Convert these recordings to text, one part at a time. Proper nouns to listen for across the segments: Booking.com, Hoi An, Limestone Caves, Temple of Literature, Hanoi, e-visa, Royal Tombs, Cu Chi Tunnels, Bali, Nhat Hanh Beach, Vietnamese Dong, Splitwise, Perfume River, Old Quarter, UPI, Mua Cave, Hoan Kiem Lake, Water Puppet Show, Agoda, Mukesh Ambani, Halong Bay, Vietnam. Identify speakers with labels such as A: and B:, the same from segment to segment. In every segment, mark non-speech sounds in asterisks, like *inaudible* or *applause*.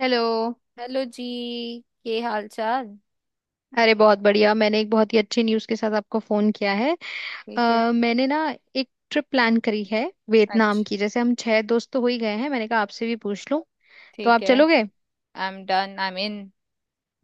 A: Hello.
B: Hello जी। ये हाल चाल
A: अरे बहुत बढ़िया, मैंने एक बहुत ही अच्छी न्यूज़ के साथ आपको फ़ोन किया है।
B: ठीक है।
A: मैंने ना एक ट्रिप प्लान करी है वियतनाम
B: अच्छा।
A: की। जैसे हम छह दोस्त तो हो ही गए हैं, मैंने कहा आपसे भी पूछ लूं, तो
B: ठीक
A: आप
B: है।
A: चलोगे?
B: I am done, I am in.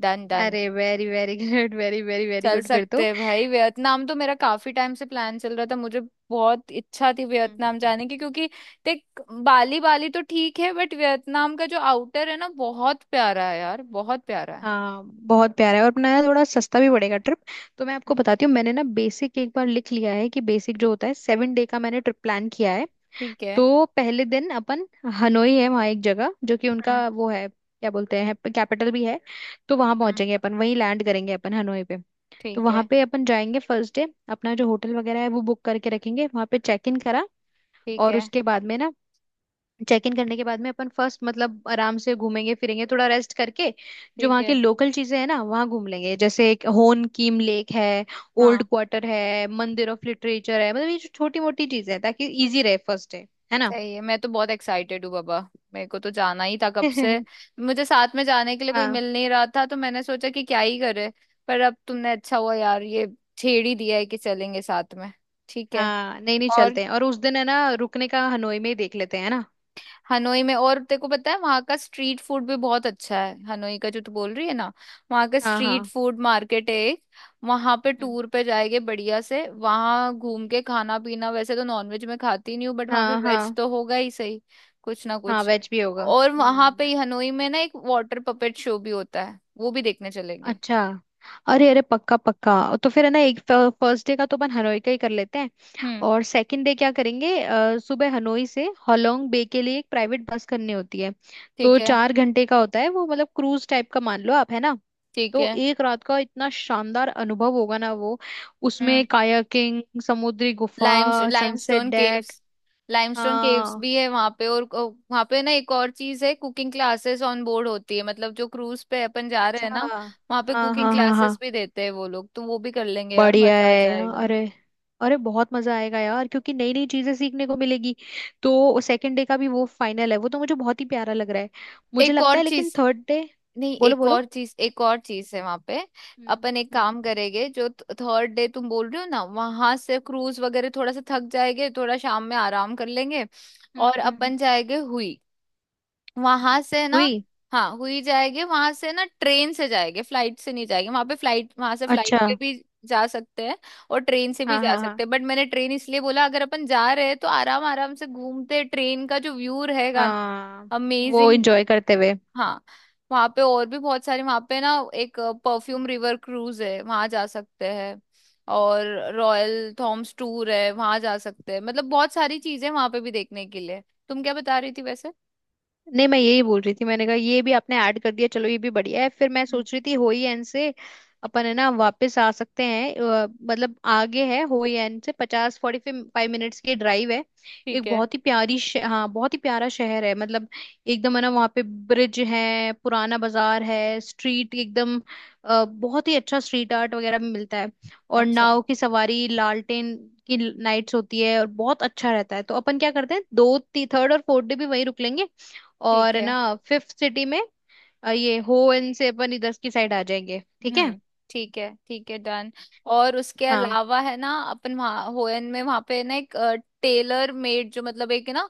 B: Done done.
A: अरे very very good, very very very
B: चल
A: गुड फिर
B: सकते
A: तो।
B: हैं भाई, वियतनाम तो मेरा काफी टाइम से प्लान चल रहा था। मुझे बहुत इच्छा थी वियतनाम
A: हम्म।
B: जाने की, क्योंकि देख, बाली बाली तो ठीक है बट वियतनाम का जो आउटर है ना, बहुत प्यारा है यार, बहुत प्यारा है।
A: हाँ, बहुत प्यारा है और अपना यार थोड़ा सस्ता भी पड़ेगा ट्रिप। तो मैं आपको बताती हूँ, मैंने ना बेसिक एक बार लिख लिया है कि बेसिक जो होता है 7 डे का, मैंने ट्रिप प्लान किया है।
B: ठीक है।
A: तो पहले दिन अपन हनोई है, वहाँ एक जगह जो कि
B: हम्म।
A: उनका वो है, क्या बोलते हैं, कैपिटल भी है। तो वहां
B: हम्म।
A: पहुंचेंगे अपन, वहीं लैंड करेंगे अपन हनोई पे। तो
B: ठीक
A: वहां
B: है।
A: पे अपन जाएंगे फर्स्ट डे। अपना जो होटल वगैरह है वो बुक करके रखेंगे, वहां पे चेक इन करा।
B: ठीक
A: और
B: है।
A: उसके बाद में ना, चेक इन करने के बाद में अपन फर्स्ट मतलब आराम से घूमेंगे फिरेंगे, थोड़ा रेस्ट करके। जो
B: ठीक
A: वहाँ के
B: है।
A: लोकल चीजें हैं ना, वहाँ घूम लेंगे। जैसे एक होन कीम लेक है, ओल्ड
B: हाँ
A: क्वार्टर है, मंदिर ऑफ लिटरेचर है, मतलब ये छोटी मोटी चीजें हैं ताकि इजी रहे फर्स्ट डे, है ना।
B: सही है, मैं तो बहुत एक्साइटेड हूँ बाबा। मेरे को तो जाना ही था कब से,
A: *laughs*
B: मुझे साथ में जाने के लिए कोई
A: हाँ
B: मिल नहीं रहा था, तो मैंने सोचा कि क्या ही करे। पर अब तुमने अच्छा हुआ यार, ये छेड़ ही दिया है कि चलेंगे साथ में। ठीक है।
A: हाँ, नहीं नहीं,
B: और
A: चलते हैं। और उस दिन है ना रुकने का, हनोई में ही देख लेते हैं, है ना।
B: हनोई में, और तेरे को पता है वहां का स्ट्रीट फूड भी बहुत अच्छा है, हनोई का जो तू बोल रही है ना, वहां का
A: हाँ
B: स्ट्रीट
A: हाँ।
B: फूड मार्केट है एक, वहां पे
A: हम्म,
B: टूर पे जाएंगे, बढ़िया से वहां घूम के खाना पीना। वैसे तो नॉनवेज में खाती नहीं हूँ बट वहां पे
A: हाँ
B: वेज
A: हाँ।
B: तो होगा ही सही, कुछ ना
A: हाँ
B: कुछ।
A: वेज भी होगा,
B: और वहां पे
A: हम्म।
B: ही हनोई में ना एक वाटर पपेट शो भी होता है, वो भी देखने चलेंगे।
A: अच्छा। अरे अरे, पक्का पक्का। तो फिर है ना, एक फर्स्ट डे का तो अपन हनोई का ही कर लेते हैं।
B: हम्म।
A: और सेकंड डे क्या करेंगे? सुबह हनोई से होलोंग बे के लिए एक प्राइवेट बस करनी होती है।
B: ठीक
A: तो
B: है।
A: 4 घंटे का होता है वो, मतलब क्रूज टाइप का मान लो आप, है ना।
B: ठीक
A: तो
B: है।
A: एक रात का इतना शानदार अनुभव होगा ना वो। उसमें
B: हम्म।
A: कायाकिंग, समुद्री गुफा,
B: limes
A: sunset
B: limestone caves,
A: deck.
B: Limestone caves
A: हाँ,
B: भी है वहां पे। और वहां पे ना एक और चीज है, कुकिंग क्लासेस ऑन बोर्ड होती है, मतलब जो क्रूज पे अपन जा रहे
A: अच्छा,
B: हैं ना, वहां पे
A: हाँ
B: कुकिंग
A: हाँ हाँ हाँ,
B: क्लासेस भी देते हैं वो लोग, तो वो भी कर लेंगे यार,
A: बढ़िया
B: मजा आ
A: है।
B: जाएगा।
A: अरे अरे, बहुत मजा आएगा यार, क्योंकि नई नई चीजें सीखने को मिलेगी। तो सेकंड डे का भी वो फाइनल है, वो तो मुझे बहुत ही प्यारा लग रहा है मुझे
B: एक
A: लगता
B: और
A: है, लेकिन
B: चीज,
A: थर्ड डे।
B: नहीं
A: बोलो
B: एक
A: बोलो।
B: और चीज, एक और चीज है वहां पे।
A: हम्म
B: अपन एक काम
A: हम्म
B: करेंगे जो थर्ड डे तुम बोल रहे हो ना, वहां से क्रूज वगैरह थोड़ा सा थक जाएंगे, थोड़ा शाम में आराम कर लेंगे।
A: हम्म,
B: और अपन जाएंगे हुई, वहां से ना।
A: हुई।
B: हाँ हुई जाएगी, वहां से ना ट्रेन से जाएंगे, फ्लाइट से नहीं जाएंगे। वहां पे फ्लाइट, वहां से फ्लाइट
A: अच्छा,
B: पे भी जा सकते हैं और ट्रेन से भी
A: हाँ
B: जा
A: हाँ हाँ
B: सकते हैं, बट मैंने ट्रेन इसलिए बोला, अगर अपन जा रहे हैं तो आराम आराम से घूमते, ट्रेन का जो व्यू रहेगा ना,
A: हाँ, वो
B: अमेजिंग।
A: एंजॉय करते हुए।
B: हाँ। वहां पे और भी बहुत सारे, वहां पे ना एक परफ्यूम रिवर क्रूज है, वहां जा सकते हैं। और रॉयल थॉम्स टूर है, वहां जा सकते हैं। मतलब बहुत सारी चीजें वहां पे भी देखने के लिए। तुम क्या बता रही थी वैसे।
A: नहीं, मैं यही बोल रही थी, मैंने कहा ये भी आपने ऐड कर दिया, चलो ये भी बढ़िया है। फिर मैं
B: हम्म।
A: सोच रही थी, होई एन से अपन है ना वापस आ सकते हैं। मतलब आगे है, होई एन से 50 45 मिनट्स की ड्राइव है।
B: ठीक
A: एक
B: है।
A: बहुत ही प्यारी हाँ, बहुत ही प्यारा शहर है, मतलब एकदम। है ना, वहाँ पे ब्रिज है, पुराना बाजार है, स्ट्रीट एकदम बहुत ही अच्छा स्ट्रीट आर्ट वगैरह भी मिलता है। और
B: अच्छा।
A: नाव की सवारी, लालटेन की नाइट्स होती है, और बहुत अच्छा रहता है। तो अपन क्या करते हैं, दो थर्ड और फोर्थ डे भी वहीं रुक लेंगे।
B: ठीक
A: और है
B: है।
A: ना फिफ्थ सिटी में ये हो इन से अपन इधर की साइड आ जाएंगे, ठीक है।
B: हम्म। ठीक है डन। और उसके
A: हाँ,
B: अलावा है ना, अपन वहाँ होयन में, वहाँ पे ना एक टेलर मेड, जो मतलब एक ना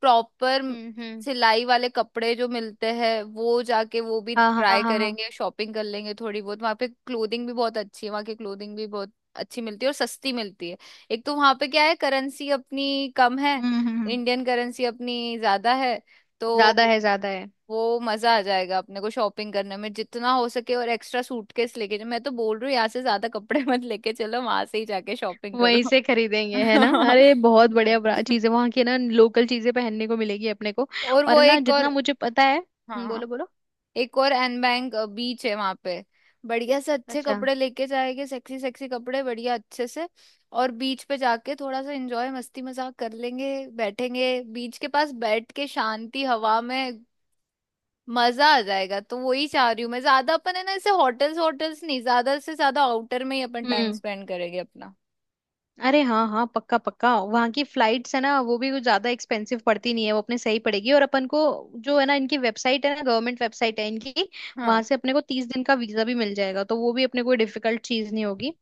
B: प्रॉपर
A: हम्म,
B: सिलाई वाले कपड़े जो मिलते हैं, वो जाके वो भी
A: हाँ हाँ
B: ट्राई
A: हाँ हाँ,
B: करेंगे, शॉपिंग कर लेंगे थोड़ी बहुत। वहाँ पे क्लोथिंग भी बहुत अच्छी है, वहाँ की क्लोथिंग भी बहुत अच्छी मिलती है और सस्ती मिलती है। एक तो वहाँ पे क्या है, करेंसी अपनी कम है,
A: हम्म,
B: इंडियन करेंसी अपनी ज्यादा है। तो
A: ज्यादा है, ज्यादा है।
B: वो मजा आ जाएगा अपने को शॉपिंग करने में। जितना हो सके और एक्स्ट्रा सूटकेस लेके, मैं तो बोल रही हूँ यहाँ से ज्यादा कपड़े *laughs* मत लेके चलो, वहां से ही जाके शॉपिंग करो।
A: वहीं से खरीदेंगे, है ना। अरे बहुत बढ़िया, बड़ा
B: *laughs*
A: चीजें वहां की ना, लोकल चीजें पहनने को मिलेगी अपने को।
B: और
A: और
B: वो
A: है ना,
B: एक और,
A: जितना मुझे पता है,
B: हाँ हाँ,
A: बोलो बोलो।
B: एक और एनबैंग बीच है वहां पे, बढ़िया से अच्छे
A: अच्छा,
B: कपड़े लेके जाएंगे, सेक्सी सेक्सी कपड़े बढ़िया अच्छे से। और बीच पे जाके थोड़ा सा एंजॉय, मस्ती मजाक कर लेंगे, बैठेंगे बीच के पास बैठ के शांति हवा में, मजा आ जाएगा। तो वही चाह रही हूँ मैं, ज्यादा अपन है ना ऐसे होटल्स, होटल्स नहीं ज्यादा से ज्यादा, आउटर में ही अपन टाइम
A: हम्म।
B: स्पेंड करेंगे अपना।
A: अरे हाँ हाँ, पक्का पक्का। वहाँ की फ्लाइट्स है ना, वो भी कुछ ज्यादा एक्सपेंसिव पड़ती नहीं है, वो अपने सही पड़ेगी। और अपन को जो है ना, इनकी वेबसाइट है ना, गवर्नमेंट वेबसाइट है इनकी, वहां
B: हाँ
A: से अपने को 30 दिन का वीजा भी मिल जाएगा। तो वो भी अपने को डिफिकल्ट चीज नहीं होगी।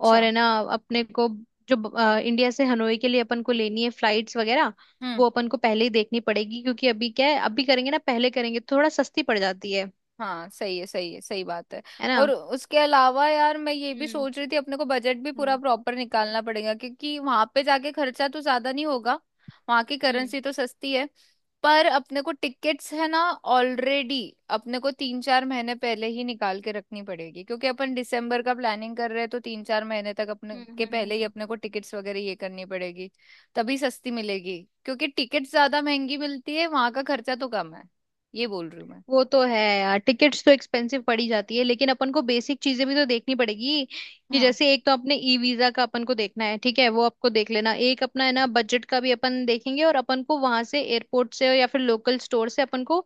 A: और है ना, अपने को जो इंडिया से हनोई के लिए अपन को लेनी है फ्लाइट्स वगैरह,
B: हम्म।
A: वो अपन को पहले ही देखनी पड़ेगी। क्योंकि अभी क्या है, अभी करेंगे ना, पहले करेंगे तो थोड़ा सस्ती पड़ जाती है
B: हाँ सही है, सही है, सही बात है।
A: है ना।
B: और उसके अलावा यार, मैं ये भी
A: हम्म
B: सोच रही थी, अपने को बजट भी पूरा
A: हम्म
B: प्रॉपर निकालना पड़ेगा, क्योंकि वहां पे जाके खर्चा तो ज्यादा नहीं होगा, वहां की
A: हम्म
B: करेंसी तो सस्ती है। पर अपने को टिकट्स है ना ऑलरेडी, अपने को तीन चार महीने पहले ही निकाल के रखनी पड़ेगी, क्योंकि अपन दिसंबर का प्लानिंग कर रहे हैं, तो तीन चार महीने तक अपने के
A: हम्म,
B: पहले ही अपने को टिकट्स वगैरह ये करनी पड़ेगी, तभी सस्ती मिलेगी। क्योंकि टिकट्स ज्यादा महंगी मिलती है, वहां का खर्चा तो कम है, ये बोल रही हूँ मैं।
A: वो तो है यार, टिकट्स तो एक्सपेंसिव पड़ी जाती है, लेकिन अपन को बेसिक चीजें भी तो देखनी पड़ेगी। कि
B: हम्म।
A: जैसे एक तो अपने ई वीजा का अपन को देखना है, ठीक है, वो आपको देख लेना। एक अपना है ना, बजट का भी अपन देखेंगे। और अपन को वहां से एयरपोर्ट से या फिर लोकल स्टोर से अपन को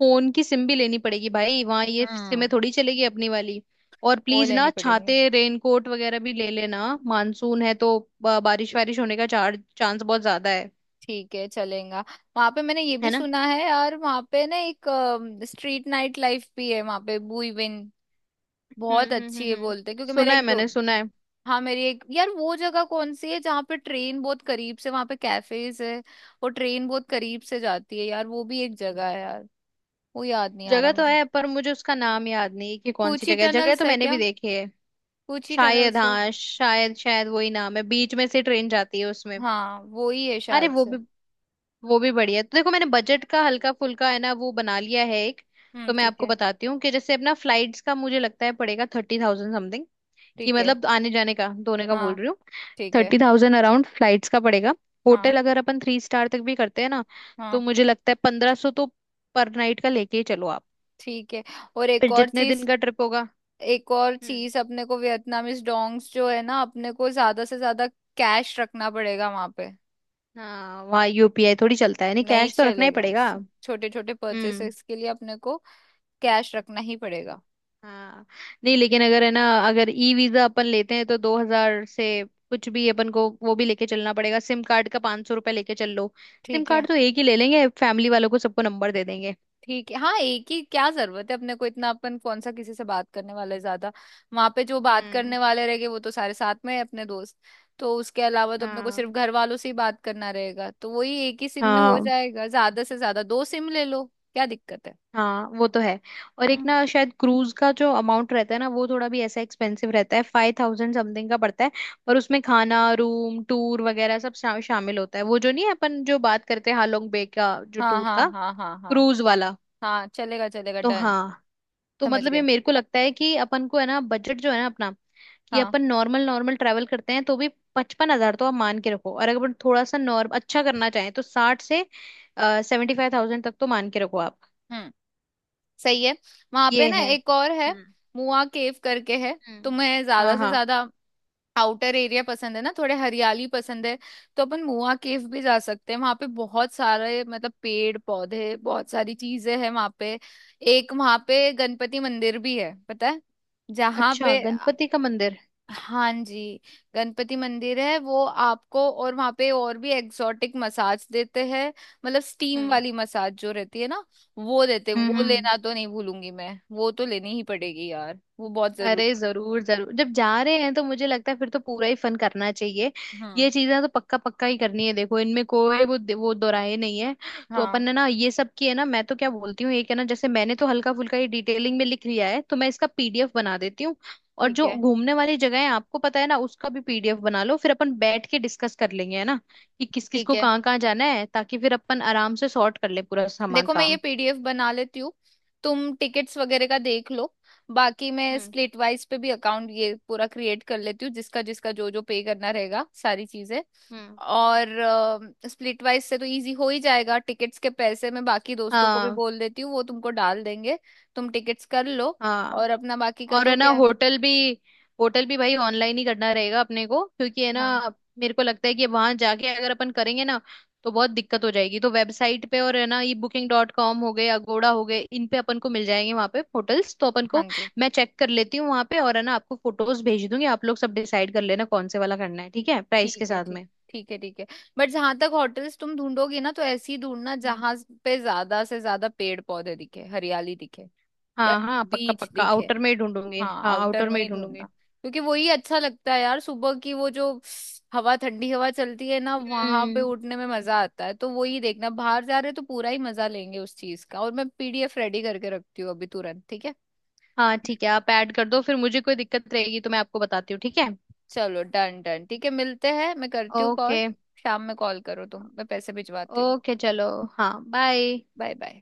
A: फोन की सिम भी लेनी पड़ेगी भाई, वहां ये सिमें
B: हम्म।
A: थोड़ी चलेगी अपनी वाली। और
B: वो
A: प्लीज ना,
B: लेनी पड़ेंगे।
A: छाते रेनकोट वगैरह भी ले लेना, मानसून है तो बारिश वारिश होने का 4 चांस बहुत ज्यादा है
B: ठीक है चलेगा। वहां पे मैंने ये भी
A: है ना।
B: सुना है यार, वहां पे ना एक स्ट्रीट नाइट लाइफ भी है वहां पे, बुईविन बहुत अच्छी है
A: हम्म,
B: बोलते हैं, क्योंकि मेरा
A: सुना है,
B: एक दो,
A: मैंने सुना है।
B: हाँ मेरी एक यार, वो जगह कौन सी है जहाँ पे ट्रेन बहुत करीब से, वहां पे कैफेज है और ट्रेन बहुत करीब से जाती है यार, वो भी एक जगह है यार, वो याद नहीं आ रहा
A: जगह तो
B: मुझे।
A: है, पर मुझे उसका नाम याद नहीं है कि कौन सी
B: कूची
A: जगह है, जगह
B: टनल्स
A: तो
B: है
A: मैंने
B: क्या,
A: भी देखी है।
B: कूची
A: शायद,
B: टनल्स है।
A: हाँ शायद, शायद वही नाम है, बीच में से ट्रेन जाती है उसमें।
B: हाँ वो ही है
A: अरे
B: शायद
A: वो
B: से।
A: भी, वो भी बढ़िया है। तो देखो, मैंने बजट का हल्का फुल्का है ना वो बना लिया है एक।
B: हम्म।
A: तो मैं
B: ठीक
A: आपको
B: है।
A: बताती हूँ कि जैसे अपना फ्लाइट्स का मुझे लगता है पड़ेगा 30,000 समथिंग। कि
B: ठीक है।
A: मतलब आने जाने का दोनों का बोल
B: हाँ।
A: रही हूँ,
B: ठीक है।
A: 30,000 अराउंड फ्लाइट्स का पड़ेगा।
B: हाँ
A: होटल अगर अपन 3 स्टार तक भी करते हैं ना, तो
B: हाँ।
A: मुझे लगता है 1,500 तो पर नाइट का लेके ही चलो आप।
B: ठीक है। और एक
A: फिर
B: और
A: जितने दिन
B: चीज,
A: का ट्रिप होगा।
B: एक और
A: हम्म।
B: चीज अपने को वियतनामीज डोंग्स जो है ना, अपने को ज्यादा से ज्यादा कैश रखना पड़ेगा वहां पे,
A: हाँ, वहाँ यूपीआई थोड़ी चलता है, नहीं,
B: नहीं
A: कैश तो रखना ही
B: चलेगा।
A: पड़ेगा।
B: छोटे छोटे
A: हम्म,
B: परचेसेस के लिए अपने को कैश रखना ही पड़ेगा।
A: हाँ, नहीं लेकिन अगर है ना, अगर ई वीजा अपन लेते हैं तो 2,000 से कुछ भी अपन को वो भी लेके चलना पड़ेगा। सिम कार्ड का 500 रुपये लेके चल लो। सिम
B: ठीक है।
A: कार्ड तो एक ही ले लेंगे, फैमिली वालों को सबको नंबर दे देंगे।
B: ठीक है हाँ एक ही, क्या जरूरत है अपने को इतना, अपन कौन सा किसी से बात करने वाले ज्यादा। वहां पे जो बात
A: हम्म।
B: करने वाले रहेंगे वो तो सारे साथ में है अपने दोस्त, तो उसके अलावा तो अपने को सिर्फ
A: हाँ
B: घर वालों से ही बात करना रहेगा, तो वही एक ही सिम में हो
A: हाँ,
B: जाएगा, ज्यादा से ज्यादा दो सिम ले लो, क्या दिक्कत है।
A: हाँ वो तो है। और एक
B: हम्म,
A: ना, शायद क्रूज का जो अमाउंट रहता है ना, वो थोड़ा भी ऐसा एक्सपेंसिव रहता है, 5,000 समथिंग का पड़ता है। पर उसमें खाना, रूम टूर वगैरह सब शामिल होता है। वो जो नहीं है, अपन जो बात करते हैं हालोंग बे का जो
B: हाँ
A: टूर
B: हाँ
A: था,
B: हाँ हाँ हाँ।
A: क्रूज वाला।
B: हाँ चलेगा चलेगा
A: तो
B: डन।
A: हाँ। तो
B: समझ
A: मतलब ये
B: गए।
A: मेरे को लगता है कि अपन को है ना, बजट जो है ना अपना, कि
B: हाँ।
A: अपन नॉर्मल नॉर्मल ट्रैवल करते हैं तो भी 55,000 तो आप मान के रखो। और अगर अपन थोड़ा सा नॉर्म अच्छा करना चाहें तो 60 से 75,000 तक तो मान के रखो आप।
B: हम्म सही है। वहां पे
A: ये
B: ना
A: है,
B: एक और है, मुआ केव करके है।
A: हम्म,
B: तुम्हें
A: हाँ
B: ज्यादा से
A: हाँ।
B: ज्यादा आउटर एरिया पसंद है ना, थोड़े हरियाली पसंद है, तो अपन मुआ केव भी जा सकते हैं। वहां पे बहुत सारे, मतलब पेड़ पौधे, बहुत सारी चीजें हैं वहां पे। एक वहां पे गणपति मंदिर भी है पता है, जहाँ
A: अच्छा,
B: पे,
A: गणपति का मंदिर?
B: हाँ जी, गणपति मंदिर है वो आपको। और वहाँ पे और भी एक्सोटिक मसाज देते हैं, मतलब स्टीम
A: हम्म
B: वाली मसाज जो रहती है ना, वो देते,
A: हम्म,
B: वो लेना तो नहीं भूलूंगी मैं, वो तो लेनी ही पड़ेगी यार, वो बहुत जरूरी।
A: अरे जरूर जरूर, जब जा रहे हैं तो मुझे लगता है फिर तो पूरा ही फन करना चाहिए।
B: हाँ
A: ये चीजें तो पक्का पक्का ही करनी है, देखो इनमें कोई वो दोराहे नहीं है। तो अपन
B: हाँ।
A: ने ना ये सब की है ना, मैं तो क्या बोलती हूँ, एक है ना, जैसे मैंने तो हल्का फुल्का ये डिटेलिंग में लिख लिया है, तो मैं इसका पीडीएफ बना देती हूँ। और
B: ठीक
A: जो
B: है।
A: घूमने वाली जगह है आपको पता है ना, उसका भी पीडीएफ बना लो, फिर अपन बैठ के डिस्कस कर लेंगे, है ना। कि किस किस
B: ठीक
A: को
B: है,
A: कहाँ कहाँ जाना है, ताकि फिर अपन आराम से सॉर्ट कर ले पूरा सामान।
B: देखो मैं ये पीडीएफ बना लेती हूँ, तुम टिकट्स वगैरह का देख लो। बाकी मैं
A: हम्म
B: स्प्लिट वाइज पे भी अकाउंट ये पूरा क्रिएट कर लेती हूँ, जिसका जिसका जो जो पे करना रहेगा सारी चीजें।
A: हम्म,
B: और स्प्लिट वाइज से तो इजी हो ही जाएगा, टिकट्स के पैसे मैं बाकी दोस्तों को भी
A: हाँ
B: बोल देती हूँ, वो तुमको डाल देंगे। तुम टिकट्स कर लो,
A: हाँ।
B: और अपना बाकी का
A: और है
B: तो
A: ना
B: क्या है।
A: होटल भी, होटल भी भाई ऑनलाइन ही करना रहेगा अपने को, क्योंकि है ना,
B: हाँ।
A: मेरे को लगता है कि वहां जाके अगर अपन करेंगे ना, तो बहुत दिक्कत हो जाएगी। तो वेबसाइट पे, और है ना, ये Booking.com हो गए, अगोड़ा हो गए, इन पे अपन को मिल जाएंगे वहां पे होटल्स। तो अपन
B: हाँ
A: को
B: जी।
A: मैं चेक कर लेती हूँ वहां पे। और है ना, आपको फोटोज भेज दूंगी, आप लोग सब डिसाइड कर लेना कौन से वाला करना है, ठीक है, प्राइस
B: ठीक
A: के
B: है
A: साथ
B: ठीक,
A: में।
B: ठीक है ठीक है। बट जहां तक होटल्स तुम ढूंढोगी ना, तो ऐसी ढूंढना
A: हम्म।
B: जहां पे ज्यादा से ज्यादा पेड़ पौधे दिखे, हरियाली दिखे या
A: हाँ हाँ, पक्का
B: बीच
A: पक्का
B: दिखे।
A: आउटर में ही ढूंढूंगी,
B: हाँ
A: हाँ
B: आउटर
A: आउटर
B: में
A: में ही
B: ही
A: ढूंढूंगी।
B: ढूंढना, क्योंकि वही अच्छा लगता है यार, सुबह की वो जो हवा, ठंडी हवा चलती है ना वहां पे,
A: हम्म।
B: उठने में मजा आता है, तो वही देखना। बाहर जा रहे हैं तो पूरा ही मजा लेंगे उस चीज का। और मैं पीडीएफ रेडी करके रखती हूँ अभी तुरंत, ठीक है।
A: हाँ ठीक है, आप ऐड कर दो, फिर मुझे कोई दिक्कत रहेगी तो मैं आपको बताती हूँ, ठीक है।
B: चलो डन डन, ठीक है मिलते हैं, मैं करती हूँ
A: ओके।
B: कॉल। शाम में कॉल करो तुम, मैं पैसे भिजवाती हूँ।
A: ओके, चलो, हाँ बाय।
B: Bye bye.